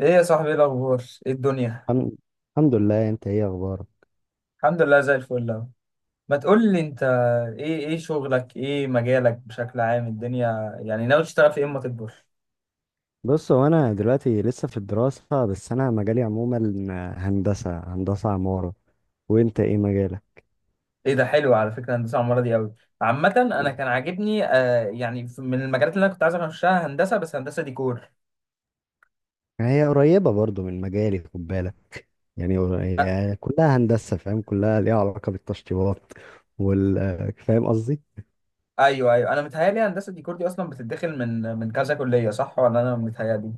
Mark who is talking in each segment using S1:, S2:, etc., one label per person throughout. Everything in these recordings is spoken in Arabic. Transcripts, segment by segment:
S1: ايه يا صاحبي، ايه الاخبار؟ ايه الدنيا؟
S2: الحمد الحمد لله، انت ايه اخبارك؟
S1: الحمد لله، زي الفل اهو. ما تقول لي انت، ايه شغلك؟ ايه مجالك بشكل عام؟ الدنيا يعني ناوي تشتغل في ايه اما تكبر؟
S2: بص، هو انا دلوقتي لسه في الدراسة، بس انا مجالي عموما هندسة عمارة. وانت ايه مجالك؟
S1: ايه ده؟ حلو على فكره الهندسه، عماره دي قوي. عامه انا كان عاجبني آه يعني من المجالات اللي انا كنت عايز اخشها هندسه، بس هندسه ديكور.
S2: هي قريبة برضو من مجالي، خد بالك. يعني
S1: أ-
S2: هي كلها هندسة، فاهم؟ كلها ليها علاقة بالتشطيبات وال فاهم قصدي؟
S1: ايوه ايوه، انا متهيالي هندسه ديكور دي اصلا بتتدخل من كذا كليه، صح ولا انا متهيالي؟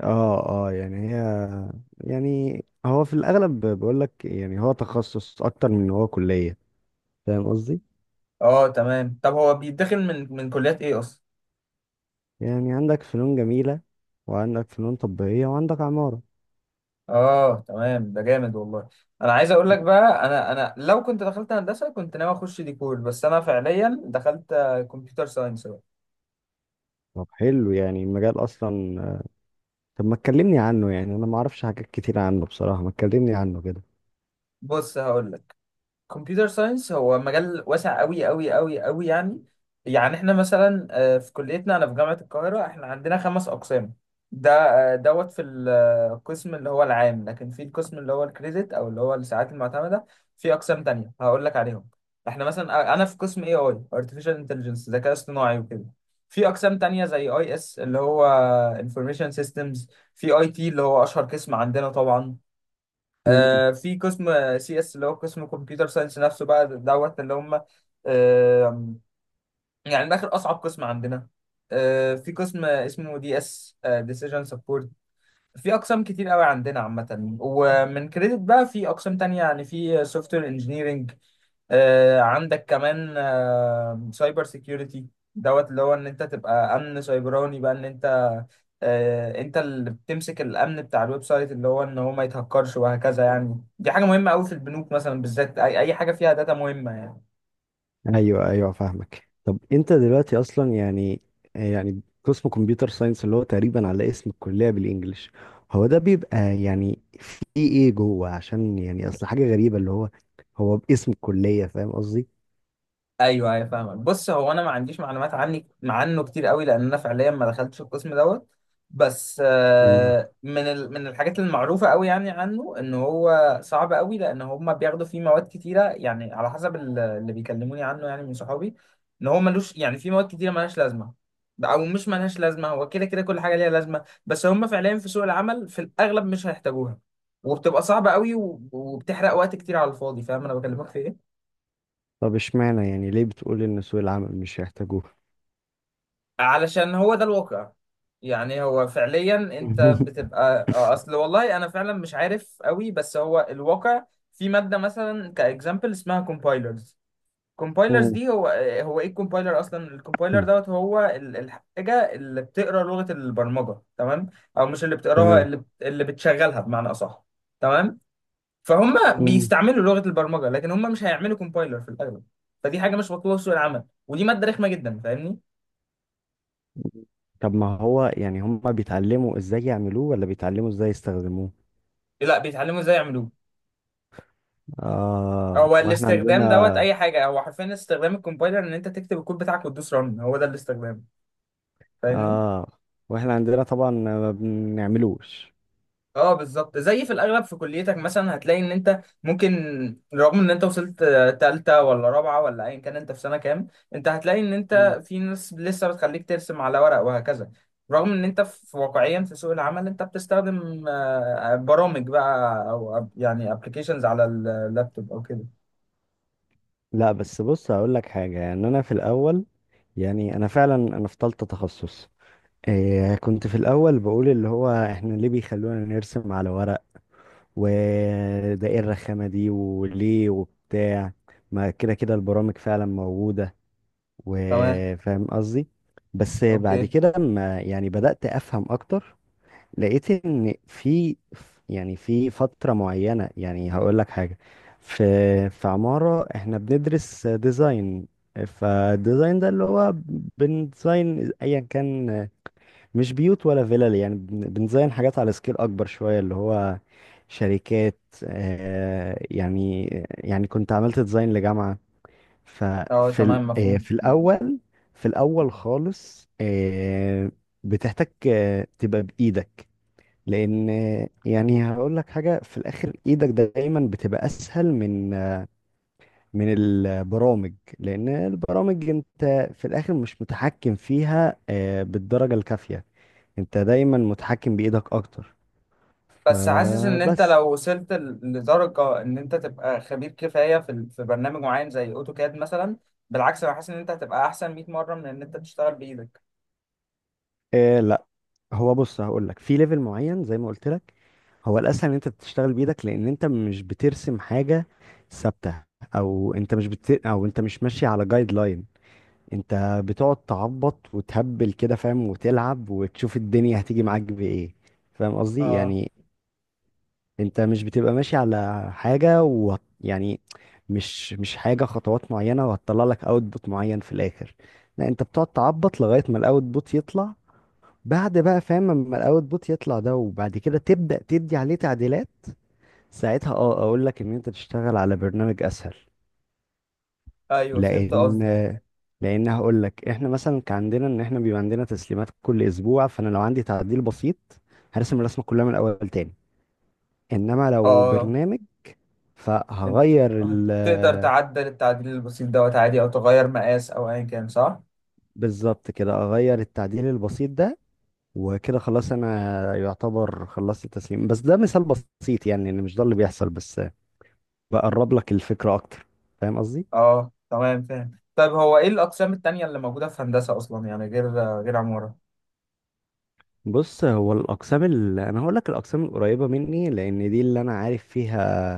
S2: اه، اه، يعني هي، يعني هو في الاغلب بقول لك، يعني هو تخصص اكتر من إن هو كلية. فاهم قصدي؟
S1: اه تمام. طب هو بيتدخل من كليات ايه اصلا؟
S2: يعني عندك فنون جميلة، وعندك فنون تطبيقية، وعندك عمارة.
S1: اه تمام، ده جامد والله. انا عايز اقول لك بقى، انا لو كنت دخلت هندسه كنت ناوي اخش ديكور، بس انا فعليا دخلت كمبيوتر ساينس بقى.
S2: طب حلو، يعني المجال اصلا، طب ما تكلمني عنه. يعني انا ما اعرفش حاجات كتير عنه بصراحة، ما تكلمني عنه كده.
S1: بص هقول لك، كمبيوتر ساينس هو مجال واسع قوي قوي قوي قوي يعني. يعني احنا مثلا في كليتنا، انا في جامعة القاهرة، احنا عندنا خمس اقسام. ده دوت في القسم اللي هو العام، لكن في القسم اللي هو الكريدت او اللي هو الساعات المعتمدة في اقسام تانية هقول لك عليهم. احنا مثلا انا في قسم اي اي ارتفيشال انتليجنس، ذكاء اصطناعي وكده. في اقسام تانية زي اي اس اللي هو انفورميشن سيستمز. في اي تي اللي هو اشهر قسم عندنا طبعا.
S2: مم.
S1: في قسم سي اس اللي هو قسم كمبيوتر ساينس نفسه بقى دوت، اللي هم آه، يعني من الاخر اصعب قسم عندنا. في قسم اسمه دي اس ديسيجن سبورت. في اقسام كتير قوي عندنا عامه. ومن كريدت بقى في اقسام تانية، يعني في سوفت وير انجينيرنج، عندك كمان سايبر سيكيورتي دوت اللي هو ان انت تبقى امن سايبراني بقى، ان انت انت اللي بتمسك الامن بتاع الويب سايت، اللي هو ان هو ما يتهكرش وهكذا. يعني دي حاجه مهمه قوي في البنوك مثلا، بالذات اي أي حاجه فيها داتا مهمه يعني.
S2: ايوه، ايوه، فاهمك. طب انت دلوقتي اصلا، يعني قسم كمبيوتر ساينس اللي هو تقريبا على اسم الكلية بالانجلش، هو ده بيبقى يعني في ايه جوه؟ عشان يعني اصل حاجة غريبة، اللي هو باسم الكلية، فاهم قصدي؟
S1: ايوه ايوه فاهمك. بص هو انا ما عنديش معلومات عنه كتير قوي، لان انا فعليا ما دخلتش القسم دوت. بس
S2: مم.
S1: من من الحاجات المعروفه قوي يعني عنه، ان هو صعب قوي، لان هم بياخدوا فيه مواد كتيره، يعني على حسب اللي بيكلموني عنه يعني من صحابي، ان هو ملوش، يعني في مواد كتيره ملهاش لازمه. او مش ملهاش لازمه، هو كده كده كل حاجه ليها لازمه، بس هم فعليا في سوق العمل في الاغلب مش هيحتاجوها، وبتبقى صعبه قوي وبتحرق وقت كتير على الفاضي. فاهم انا بكلمك في ايه؟
S2: طب اشمعنى؟ يعني ليه بتقول ان سوق العمل مش هيحتاجوه؟
S1: علشان هو ده الواقع. يعني هو فعليا انت بتبقى اصل والله انا فعلا مش عارف قوي، بس هو الواقع. في ماده مثلا كاكزامبل اسمها كومبايلرز. كومبايلرز
S2: مم.
S1: دي هو هو ايه الكومبايلر اصلا؟ الكومبايلر دوت هو الحاجه اللي بتقرا لغه البرمجه. تمام؟ او مش اللي بتقراها،
S2: تمام.
S1: اللي اللي بتشغلها بمعنى اصح. تمام. فهم
S2: مم.
S1: بيستعملوا لغه البرمجه، لكن هم مش هيعملوا كومبايلر في الاغلب. فدي حاجه مش مطلوبه في سوق العمل، ودي ماده رخمه جدا، فاهمني؟
S2: طب ما هو يعني هم بيتعلموا ازاي يعملوه، ولا بيتعلموا ازاي يستخدموه؟
S1: لا، بيتعلموا ازاي يعملوه.
S2: اه
S1: هو
S2: واحنا
S1: الاستخدام دوت
S2: عندنا
S1: اي حاجه، هو حرفيا استخدام الكومبايلر ان انت تكتب الكود بتاعك وتدوس رن، هو ده الاستخدام. فاهمني؟
S2: اه، واحنا عندنا طبعا ما بنعملوش.
S1: اه بالظبط. زي في الاغلب في كليتك مثلا هتلاقي ان انت ممكن، رغم ان انت وصلت تالتة ولا رابعة ولا ايا كان انت في سنة كام، انت هتلاقي ان
S2: مم.
S1: انت في ناس لسه بتخليك ترسم على ورق وهكذا، رغم ان انت في واقعيا في سوق العمل انت بتستخدم برامج بقى او يعني ابلكيشنز على اللابتوب او كده.
S2: لا، بس بص هقول لك حاجه، يعني انا في الاول، يعني انا فعلا، انا في تالتة تخصص. إيه، كنت في الاول بقول اللي هو احنا ليه بيخلونا نرسم على ورق، وده ايه الرخامه دي وليه وبتاع؟ ما كده كده البرامج فعلا موجوده،
S1: تمام.
S2: وفاهم قصدي. بس بعد
S1: اوكي.
S2: كده لما يعني بدأت أفهم أكتر، لقيت إن يعني في فترة معينة، يعني هقول لك حاجة. في في عمارة إحنا بندرس ديزاين، فالديزاين ده اللي هو بنديزاين أيا كان، مش بيوت ولا فيلل، يعني بنديزاين حاجات على سكيل أكبر شوية، اللي هو شركات. يعني كنت عملت ديزاين لجامعة.
S1: اه
S2: ففي ال-
S1: تمام
S2: آه،
S1: مفهوم.
S2: في الاول في الاول خالص. بتحتاج تبقى بايدك، لان يعني هقول لك حاجه في الاخر، ايدك دايما بتبقى اسهل من البرامج. لان البرامج انت في الاخر مش متحكم فيها بالدرجه الكافيه، انت دايما متحكم بايدك اكتر.
S1: بس حاسس ان انت
S2: فبس
S1: لو وصلت لدرجه ان انت تبقى خبير كفايه في في برنامج معين زي اوتوكاد مثلا، بالعكس انا حاسس ان انت هتبقى احسن 100 مره من ان انت تشتغل بايدك.
S2: آه، لا، هو بص هقول لك، في ليفل معين زي ما قلت لك هو الاسهل ان انت تشتغل بايدك، لان انت مش بترسم حاجه ثابته. او انت مش ماشي على جايد لاين، انت بتقعد تعبط وتهبل كده، فاهم؟ وتلعب وتشوف الدنيا هتيجي معاك بايه. فاهم قصدي؟
S1: اه
S2: يعني انت مش بتبقى ماشي على حاجه، يعني مش حاجه خطوات معينه، وهتطلع لك اوتبوت معين في الاخر. لا، انت بتقعد تعبط لغايه ما الاوتبوت يطلع، بعد بقى، فاهم؟ اما الاوتبوت يطلع ده، وبعد كده تبدأ تدي عليه تعديلات. ساعتها اه اقول لك ان انت تشتغل على برنامج اسهل.
S1: ايوه فهمت
S2: لان
S1: قصدك.
S2: لان هقول لك، احنا مثلا كان عندنا ان احنا بيبقى عندنا تسليمات كل اسبوع. فانا لو عندي تعديل بسيط هرسم الرسمه كلها من الاول تاني، انما لو
S1: اه،
S2: برنامج
S1: انت
S2: فهغير ال
S1: هتقدر تعدل التعديل البسيط دوت عادي، او تغير مقاس او ايا كان، صح.
S2: بالظبط كده اغير التعديل البسيط ده، وكده خلاص انا يعتبر خلصت التسليم. بس ده مثال بسيط، يعني ان مش ده اللي بيحصل بس، بقرب لك الفكره اكتر، فاهم قصدي؟
S1: اه تمام فاهم. طيب هو ايه الاقسام التانية اللي موجوده في هندسه اصلا، يعني غير عماره؟
S2: بص هو الاقسام اللي انا هقول لك، الاقسام القريبه مني، لان دي اللي انا عارف فيها.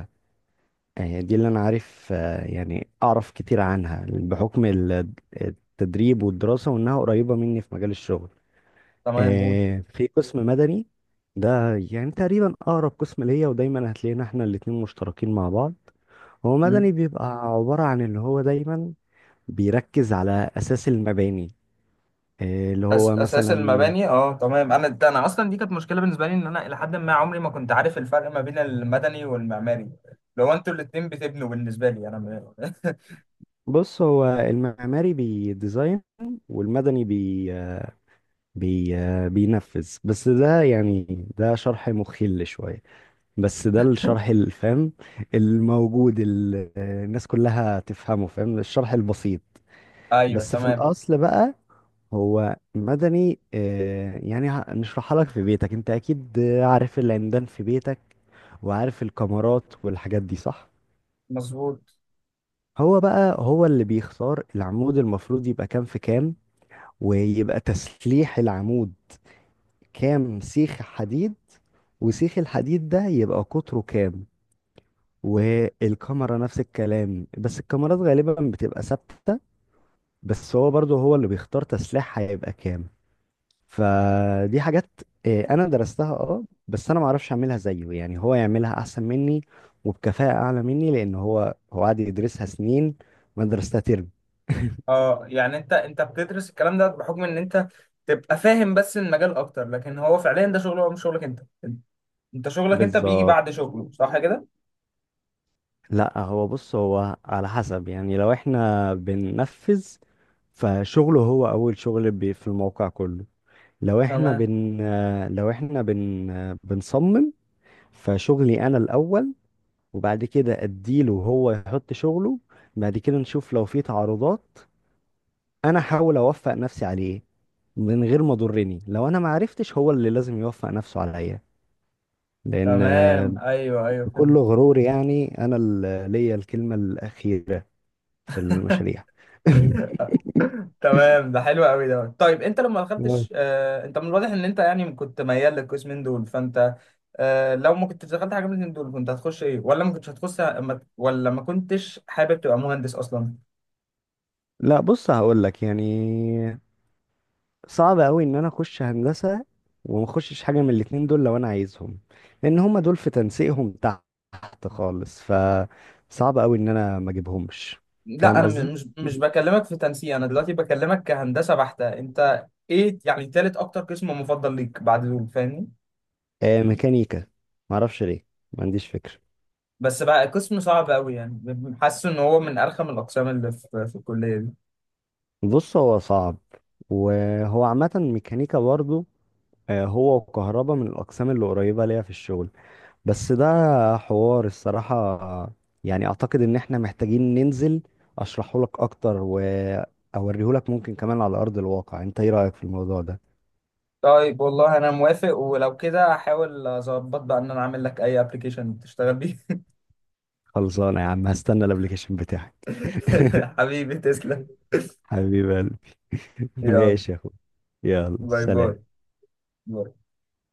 S2: يعني دي اللي انا عارف، يعني اعرف كتير عنها بحكم التدريب والدراسه، وانها قريبه مني في مجال الشغل.
S1: تمام قول.
S2: في قسم مدني، ده يعني تقريبا اقرب قسم ليا، ودايما هتلاقينا احنا الاتنين مشتركين مع بعض. هو مدني بيبقى عباره عن اللي هو دايما بيركز على اساس المباني. اللي هو
S1: اساس
S2: مثلا،
S1: المباني. اه تمام، انا ده انا اصلا دي كانت مشكله بالنسبه لي، ان انا الى حد ما عمري ما كنت عارف الفرق ما بين المدني والمعماري، لو انتوا الاتنين بتبنوا بالنسبه لي انا
S2: بص هو المعماري بيديزاين، والمدني بي بي بينفذ. بس ده يعني ده شرح مخل شوية، بس ده الشرح الفهم الموجود، الناس كلها تفهمه، فاهم؟ الشرح البسيط.
S1: ايوه
S2: بس في
S1: تمام
S2: الأصل بقى، هو مدني، يعني نشرحها لك في بيتك. انت اكيد عارف العمدان في بيتك، وعارف الكمرات والحاجات دي، صح؟
S1: مظبوط.
S2: هو بقى هو اللي بيختار العمود المفروض يبقى كام في كام، ويبقى تسليح العمود كام سيخ حديد، وسيخ الحديد ده يبقى قطره كام. والكاميرا نفس الكلام، بس الكاميرات غالبا بتبقى ثابتة، بس هو برضو هو اللي بيختار تسليحها هيبقى كام. فدي حاجات انا درستها، اه، بس انا معرفش اعملها زيه، يعني هو يعملها احسن مني وبكفاءة اعلى مني، لان هو قعد يدرسها سنين، وانا درستها ترم.
S1: اه يعني انت بتدرس الكلام ده بحكم ان انت تبقى فاهم بس المجال اكتر، لكن هو فعليا ده شغله، هو مش شغلك انت، انت شغلك انت بيجي
S2: بالظبط.
S1: بعد شغله، صح كده؟
S2: لا هو بص، هو على حسب يعني، لو احنا بننفذ فشغله هو اول شغل في الموقع كله. لو احنا
S1: تمام.
S2: بن آه، لو احنا بن آه، بنصمم، فشغلي انا الاول، وبعد كده اديله هو يحط شغله، بعد كده نشوف لو في تعارضات، انا احاول اوفق نفسي عليه، من غير ما ضرني. لو انا ما عرفتش هو اللي لازم يوفق نفسه عليا، لان
S1: تمام ايوه ايوه
S2: بكل
S1: فهمت.
S2: غرور، يعني انا اللي ليا الكلمة الأخيرة في المشاريع.
S1: تمام، ده حلو قوي ده. طيب انت لما
S2: مم.
S1: دخلتش انت من الواضح ان انت يعني كنت ميال للقسمين دول، فانت لو ما كنتش دخلت حاجه من الاتنين دول كنت هتخش ايه؟ ولا ما كنتش هتخش ولا ما كنتش حابب تبقى مهندس اصلا؟
S2: لا بص هقول لك، يعني صعب قوي ان انا اخش هندسه وما اخشش حاجه من الاتنين دول، لو انا عايزهم. لان هما دول في تنسيقهم تحت خالص، صعب قوي ان انا ما اجيبهمش،
S1: لا
S2: فاهم
S1: انا
S2: قصدي؟
S1: مش بكلمك في تنسيق، انا دلوقتي بكلمك كهندسه بحته. انت ايه يعني تالت اكتر قسم مفضل ليك بعد دول، فاهمني؟
S2: آه، ميكانيكا. ما اعرفش ليه، ما عنديش فكره.
S1: بس بقى قسم صعب قوي يعني. حاسس ان هو من ارخم الاقسام اللي في الكليه دي.
S2: بص هو صعب، وهو عامه ميكانيكا برضه، آه، هو وكهرباء من الاقسام اللي قريبه ليا في الشغل. بس ده حوار الصراحة، يعني اعتقد ان احنا محتاجين ننزل اشرحه لك اكتر، واوريه لك ممكن كمان على ارض الواقع. انت ايه رأيك في الموضوع ده؟
S1: طيب والله انا موافق، ولو كده هحاول اظبط بقى ان انا اعمل لك اي ابلكيشن تشتغل بيه.
S2: خلصانة يا عم، هستنى الابليكيشن بتاعك.
S1: حبيبي تسلم.
S2: حبيب قلبي.
S1: يلا،
S2: ماشي يا اخوي. يلا،
S1: باي باي.
S2: سلام.
S1: باي.